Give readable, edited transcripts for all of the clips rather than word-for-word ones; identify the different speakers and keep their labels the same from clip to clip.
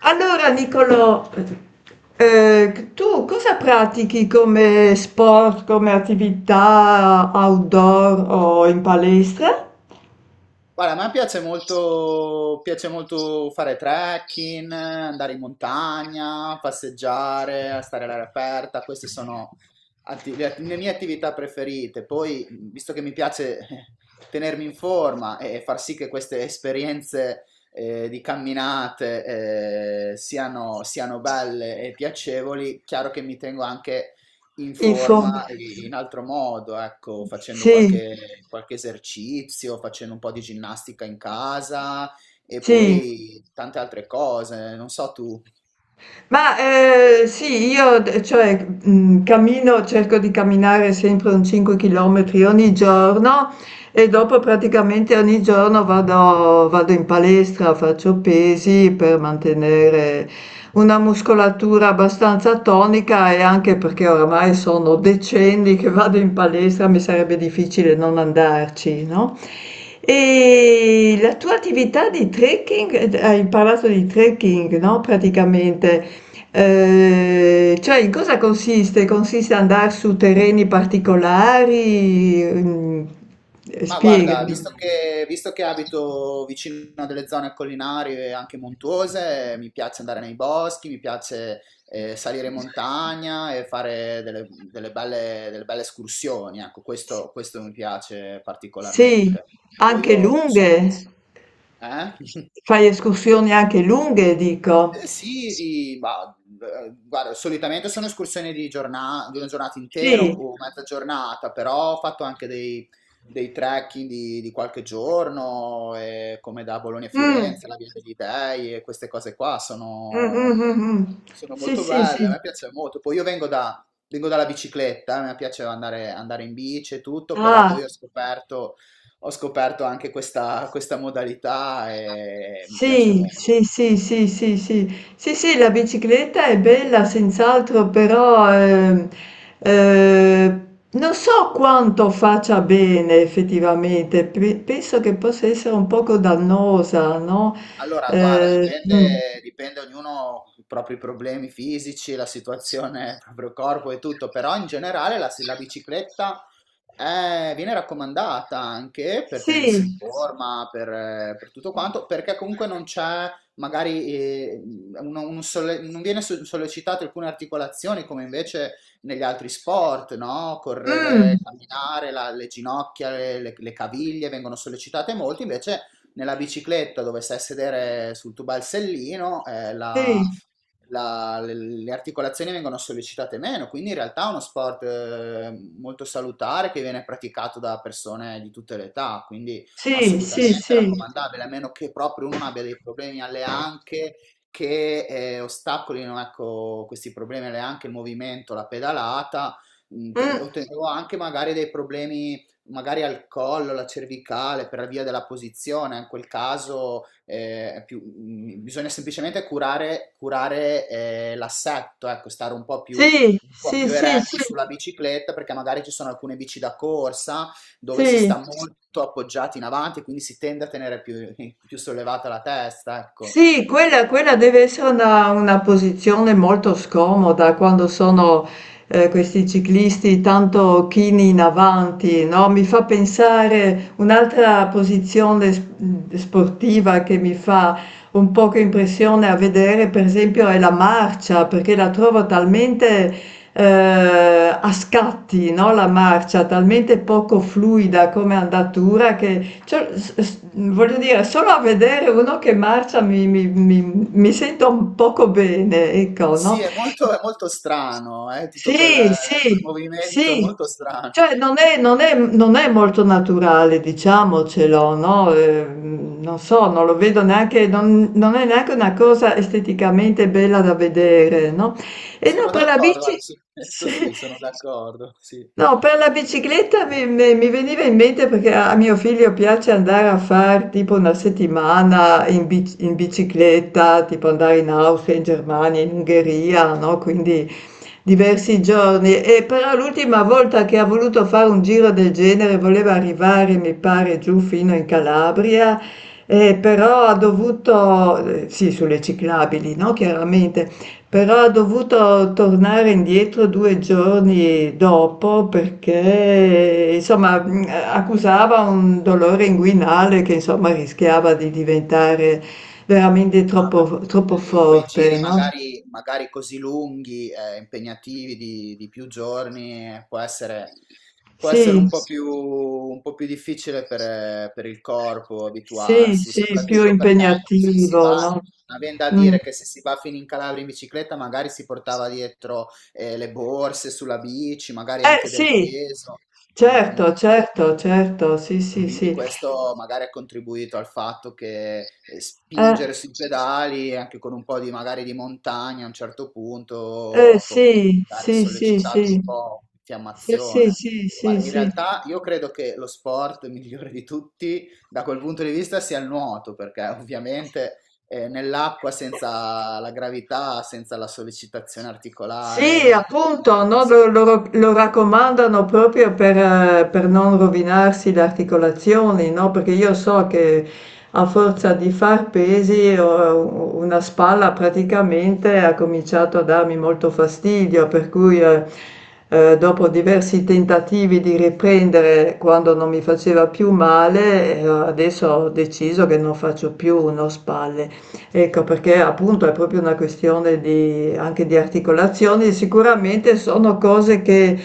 Speaker 1: Allora, Nicolò, tu cosa pratichi come sport, come attività outdoor o in palestra?
Speaker 2: Guarda, a me piace molto fare trekking, andare in montagna, passeggiare, stare all'aria aperta, queste sono le mie attività preferite. Poi, visto che mi piace tenermi in forma e far sì che queste esperienze di camminate siano, siano belle e piacevoli, chiaro che mi tengo anche in
Speaker 1: In forma.
Speaker 2: forma e in altro modo, ecco, facendo
Speaker 1: Sì,
Speaker 2: qualche, qualche esercizio, facendo un po' di ginnastica in casa e
Speaker 1: sì.
Speaker 2: poi tante altre cose, non so tu.
Speaker 1: Ma sì, io cammino, cerco di camminare sempre un 5 km ogni giorno. E dopo praticamente ogni giorno vado in palestra, faccio pesi per mantenere una muscolatura abbastanza tonica e anche perché oramai sono decenni che vado in palestra, mi sarebbe difficile non andarci, no. E la tua attività di trekking, d hai parlato di trekking, no, praticamente, cioè in cosa consiste? Consiste andar su terreni particolari? Mhmm.
Speaker 2: Ma guarda,
Speaker 1: Spiegami.
Speaker 2: visto che abito vicino a delle zone collinari e anche montuose, mi piace andare nei boschi, mi piace salire in montagna e fare delle, delle belle escursioni, ecco, questo mi piace
Speaker 1: Sì,
Speaker 2: particolarmente. Poi
Speaker 1: anche
Speaker 2: io sono...
Speaker 1: lunghe?
Speaker 2: Eh?
Speaker 1: Fai escursioni anche lunghe, dico.
Speaker 2: Eh sì, guarda, solitamente sono escursioni di una giornata intera
Speaker 1: Sì.
Speaker 2: o mezza giornata, però ho fatto anche dei trekking di qualche giorno, come da Bologna a
Speaker 1: Mh.
Speaker 2: Firenze, la Via degli Dei e queste cose qua
Speaker 1: Mh, mh,
Speaker 2: sono,
Speaker 1: mh, mh.
Speaker 2: sono
Speaker 1: Sì,
Speaker 2: molto
Speaker 1: sì,
Speaker 2: belle,
Speaker 1: sì.
Speaker 2: a me piace molto. Poi io vengo dalla bicicletta, a me piace andare, andare in bici e tutto, però
Speaker 1: Ah,
Speaker 2: poi ho scoperto anche questa modalità e mi piace
Speaker 1: sì,
Speaker 2: molto.
Speaker 1: sì, sì, sì, sì, sì. Sì, sì, la bicicletta è bella senz'altro, però, ehm, non so quanto faccia bene effettivamente. Penso che possa essere un poco dannosa, no?
Speaker 2: Allora, guarda,
Speaker 1: Ehm, mh.
Speaker 2: dipende, dipende ognuno i propri problemi fisici, la situazione, il proprio corpo e tutto, però in generale la, la bicicletta viene raccomandata anche per
Speaker 1: Sì.
Speaker 2: tenersi in forma, per tutto quanto, perché comunque non c'è magari, un solle- non viene so- sollecitato alcune articolazioni come invece negli altri sport, no?
Speaker 1: Mh.
Speaker 2: Correre, camminare, le ginocchia, le caviglie vengono sollecitate molto, invece nella bicicletta dove stai a sedere sul tuo balsellino,
Speaker 1: Sì,
Speaker 2: le articolazioni vengono sollecitate meno, quindi in realtà è uno sport molto salutare che viene praticato da persone di tutte le età, quindi
Speaker 1: sì, sì,
Speaker 2: assolutamente
Speaker 1: sì.
Speaker 2: raccomandabile, a meno che proprio uno non abbia dei problemi alle anche che ostacolino, ecco, questi problemi alle anche il movimento, la pedalata.
Speaker 1: Mm,
Speaker 2: Ottenevo anche magari dei problemi magari al collo, la cervicale, per via della posizione, in quel caso bisogna semplicemente curare, curare l'assetto, ecco, stare
Speaker 1: sì,
Speaker 2: un po'
Speaker 1: sì,
Speaker 2: più
Speaker 1: sì,
Speaker 2: eretti
Speaker 1: sì,
Speaker 2: sulla bicicletta, perché magari ci sono alcune bici da corsa dove si
Speaker 1: sì.
Speaker 2: sta molto appoggiati in avanti, quindi si tende a tenere più, più sollevata la testa, ecco.
Speaker 1: Sì, quella deve essere una posizione molto scomoda quando sono, questi ciclisti tanto chini in avanti, no, mi fa pensare un'altra posizione sportiva che mi fa un poco impressione a vedere, per esempio, è la marcia, perché la trovo talmente, a scatti, no, la marcia, talmente poco fluida come andatura che cioè, voglio dire, solo a vedere uno che marcia mi sento un poco bene, ecco,
Speaker 2: Sì,
Speaker 1: no?
Speaker 2: è molto strano, tutto
Speaker 1: Sì,
Speaker 2: quel, quel
Speaker 1: sì,
Speaker 2: movimento
Speaker 1: sì.
Speaker 2: molto strano.
Speaker 1: Cioè, non è molto naturale, diciamocelo, no? Non so, non lo vedo neanche, non è neanche una cosa esteticamente bella da vedere, no? E no,
Speaker 2: Sono
Speaker 1: per la
Speaker 2: d'accordo,
Speaker 1: bici,
Speaker 2: guarda, su questo
Speaker 1: sì.
Speaker 2: sì, sono d'accordo, sì.
Speaker 1: No, per la bicicletta mi veniva in mente perché a mio figlio piace andare a fare tipo una settimana in, in bicicletta, tipo andare in Austria, in Germania, in Ungheria, no? Quindi diversi giorni. E però l'ultima volta che ha voluto fare un giro del genere voleva arrivare, mi pare, giù fino in Calabria, però ha dovuto, sì, sulle ciclabili, no? Chiaramente. Però ha dovuto tornare indietro 2 giorni dopo perché insomma, mhmm, accusava un dolore inguinale che insomma rischiava di diventare veramente
Speaker 2: Ah
Speaker 1: troppo
Speaker 2: beh,
Speaker 1: troppo
Speaker 2: lì quei giri
Speaker 1: forte, no.
Speaker 2: magari, magari così lunghi, impegnativi di più giorni, può essere
Speaker 1: Sì,
Speaker 2: un po' più difficile per il corpo
Speaker 1: sì,
Speaker 2: abituarsi,
Speaker 1: sì, più
Speaker 2: soprattutto perché se si
Speaker 1: impegnativo,
Speaker 2: va,
Speaker 1: no.
Speaker 2: avendo a
Speaker 1: Mh.
Speaker 2: dire che se si va fino in Calabria in bicicletta, magari si portava dietro, le borse sulla bici, magari
Speaker 1: Eh
Speaker 2: anche del
Speaker 1: sì,
Speaker 2: peso. Mm, mm.
Speaker 1: certo, certo, certo, sì, sì,
Speaker 2: Quindi
Speaker 1: sì.
Speaker 2: questo magari ha contribuito al fatto che
Speaker 1: Eh,
Speaker 2: spingere sui pedali, anche con un po' di magari di montagna a un certo punto,
Speaker 1: eh sì,
Speaker 2: magari
Speaker 1: sì, sì, sì.
Speaker 2: sollecitato un po'
Speaker 1: Sì, sì,
Speaker 2: l'infiammazione.
Speaker 1: sì, sì,
Speaker 2: Guarda, in
Speaker 1: sì.
Speaker 2: realtà io credo che lo sport migliore di tutti da quel punto di vista sia il nuoto, perché ovviamente nell'acqua senza la gravità, senza la sollecitazione
Speaker 1: Sì,
Speaker 2: articolare, tutto
Speaker 1: appunto,
Speaker 2: quanto.
Speaker 1: no, lo raccomandano proprio per non rovinarsi le articolazioni, no? Perché io so che a forza di far pesi una spalla praticamente ha cominciato a darmi molto fastidio, per cui dopo diversi tentativi di riprendere quando non mi faceva più male, adesso ho deciso che non faccio più uno spalle. Ecco, perché appunto è proprio una questione di, anche di articolazioni, sicuramente sono cose che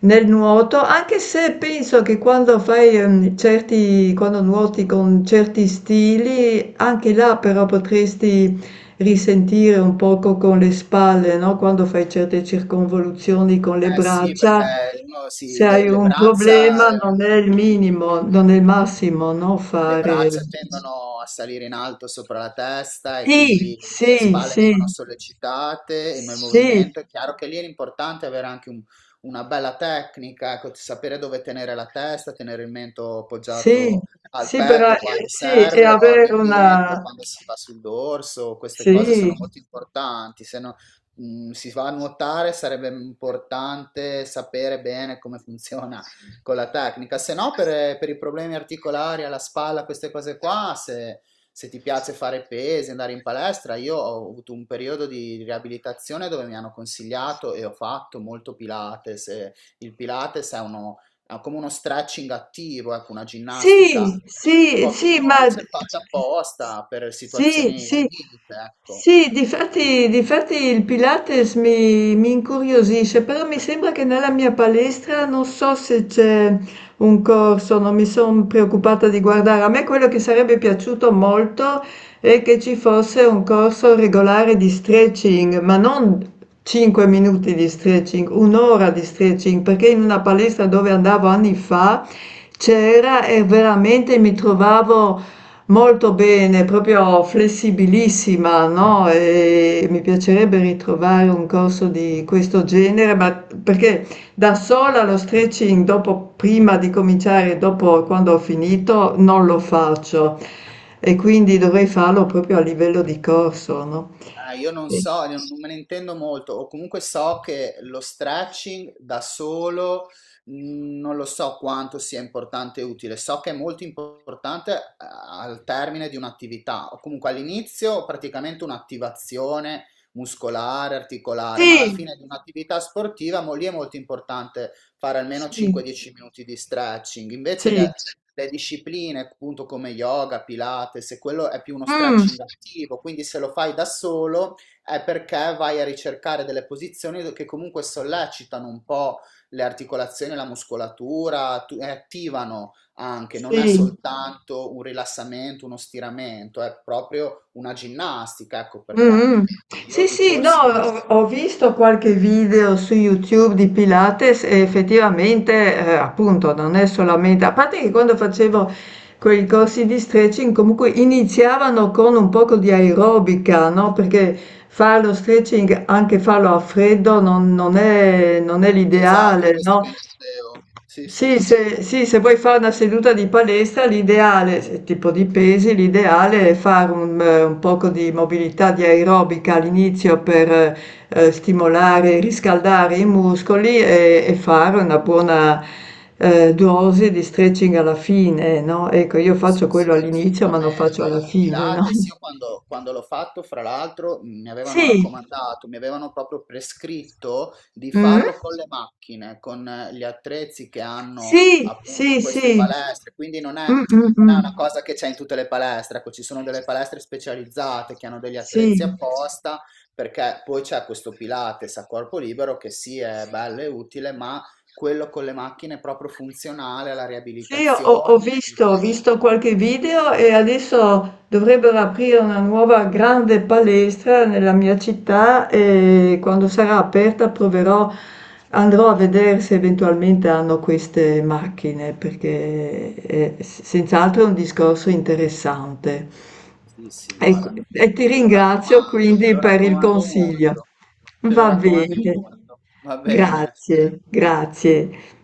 Speaker 1: nel nuoto, anche se penso che quando fai quando nuoti con certi stili, anche là però potresti risentire un poco con le spalle, no? Quando fai certe circonvoluzioni con le
Speaker 2: Eh sì,
Speaker 1: braccia,
Speaker 2: perché uno
Speaker 1: se
Speaker 2: si,
Speaker 1: hai un problema non è il minimo, non è il massimo, no?
Speaker 2: le
Speaker 1: Fare...
Speaker 2: braccia tendono a salire in alto sopra la testa e
Speaker 1: Sì,
Speaker 2: quindi le
Speaker 1: sì,
Speaker 2: spalle
Speaker 1: sì,
Speaker 2: vengono sollecitate e nel
Speaker 1: sì,
Speaker 2: movimento è chiaro che lì è importante avere anche una bella tecnica, ecco, sapere dove tenere la testa, tenere il mento
Speaker 1: sì,
Speaker 2: appoggiato al
Speaker 1: sì,
Speaker 2: petto quando
Speaker 1: sì, e
Speaker 2: serve o
Speaker 1: avere
Speaker 2: all'indietro
Speaker 1: una,
Speaker 2: quando si va sul dorso, queste cose
Speaker 1: sì.
Speaker 2: sono molto importanti, se no, si va a nuotare sarebbe importante sapere bene come funziona con la tecnica, se no per, per i problemi articolari alla spalla, queste cose qua, se, se ti piace fare pesi, andare in palestra, io ho avuto un periodo di riabilitazione dove mi hanno consigliato e ho fatto molto Pilates. Il Pilates è uno, è come uno stretching attivo, ecco, una ginnastica
Speaker 1: Sì,
Speaker 2: un
Speaker 1: sì,
Speaker 2: po' più
Speaker 1: sì, ma
Speaker 2: dolce, fatta apposta per
Speaker 1: sì,
Speaker 2: situazioni al
Speaker 1: sì,
Speaker 2: limite, ecco.
Speaker 1: sì, difatti, difatti il Pilates mi incuriosisce, però mi sembra che nella mia palestra non so se c'è un corso, non mi sono preoccupata di guardare. A me quello che sarebbe piaciuto molto è che ci fosse un corso regolare di stretching, ma non 5 minuti di stretching, un'ora di stretching, perché in una palestra dove andavo anni fa c'era e veramente mi trovavo molto bene, proprio flessibilissima, no? E mi piacerebbe ritrovare un corso di questo genere, ma perché da sola lo stretching dopo, prima di cominciare, dopo quando ho finito, non lo faccio e quindi dovrei farlo proprio a livello di corso, no?
Speaker 2: Ah, io non
Speaker 1: Sì.
Speaker 2: so, non me ne intendo molto, o comunque so che lo stretching da solo non lo so quanto sia importante e utile, so che è molto importante al termine di un'attività, o comunque all'inizio praticamente un'attivazione muscolare, articolare, ma alla
Speaker 1: Sì,
Speaker 2: fine di un'attività sportiva mo lì è molto importante fare almeno
Speaker 1: sì,
Speaker 2: 5-10 minuti di stretching, invece
Speaker 1: sì.
Speaker 2: le discipline, appunto come yoga, Pilates, e quello è più uno
Speaker 1: Mm,
Speaker 2: stretching attivo, quindi se lo fai da solo è perché vai a ricercare delle posizioni che comunque sollecitano un po' le articolazioni, la muscolatura, e attivano anche, non è
Speaker 1: sì.
Speaker 2: soltanto un rilassamento, uno stiramento, è proprio una ginnastica, ecco perché
Speaker 1: Mh-mh.
Speaker 2: io
Speaker 1: Sì,
Speaker 2: di
Speaker 1: sì, no,
Speaker 2: corsi...
Speaker 1: ho visto qualche video su YouTube di Pilates e effettivamente, appunto non è solamente a parte che quando facevo quei corsi di stretching comunque iniziavano con un poco di aerobica, no? Perché fare lo stretching, anche farlo a freddo, non è, non è
Speaker 2: Esatto,
Speaker 1: l'ideale,
Speaker 2: questo
Speaker 1: no?
Speaker 2: che intendevo. Sì, sì.
Speaker 1: Sì, se vuoi fare una seduta di palestra, l'ideale, tipo di pesi, l'ideale è fare un poco di mobilità di aerobica all'inizio per stimolare e riscaldare i muscoli e fare una buona, dose di stretching alla fine, no, ecco io
Speaker 2: Sì,
Speaker 1: faccio
Speaker 2: sì,
Speaker 1: quello all'inizio, ma lo faccio
Speaker 2: assolutamente.
Speaker 1: alla
Speaker 2: Il
Speaker 1: fine, no.
Speaker 2: Pilates, io quando, quando l'ho fatto, fra l'altro, mi avevano
Speaker 1: Sì,
Speaker 2: raccomandato, mi avevano proprio prescritto di
Speaker 1: mh?
Speaker 2: farlo con le macchine, con gli attrezzi che
Speaker 1: Sì,
Speaker 2: hanno appunto in
Speaker 1: sì,
Speaker 2: queste
Speaker 1: sì.
Speaker 2: palestre. Quindi non è,
Speaker 1: Mh, mh,
Speaker 2: non è
Speaker 1: mh.
Speaker 2: una cosa che c'è in tutte le palestre. Ecco, ci sono delle palestre specializzate che hanno degli
Speaker 1: Sì.
Speaker 2: attrezzi apposta, perché poi c'è questo Pilates a corpo libero che sì, è bello e utile, ma quello con le macchine è proprio funzionale alla
Speaker 1: Sì,
Speaker 2: riabilitazione. E
Speaker 1: ho visto qualche video e adesso dovrebbero aprire una nuova grande palestra nella mia città e quando sarà aperta proverò, andrò a vedere se eventualmente hanno queste macchine perché è senz'altro è un discorso interessante.
Speaker 2: sì, sì,
Speaker 1: E,
Speaker 2: guarda,
Speaker 1: e ti
Speaker 2: te lo
Speaker 1: ringrazio
Speaker 2: raccomando,
Speaker 1: quindi per il consiglio.
Speaker 2: te lo
Speaker 1: Va
Speaker 2: raccomando
Speaker 1: bene,
Speaker 2: molto, va bene.
Speaker 1: grazie, grazie.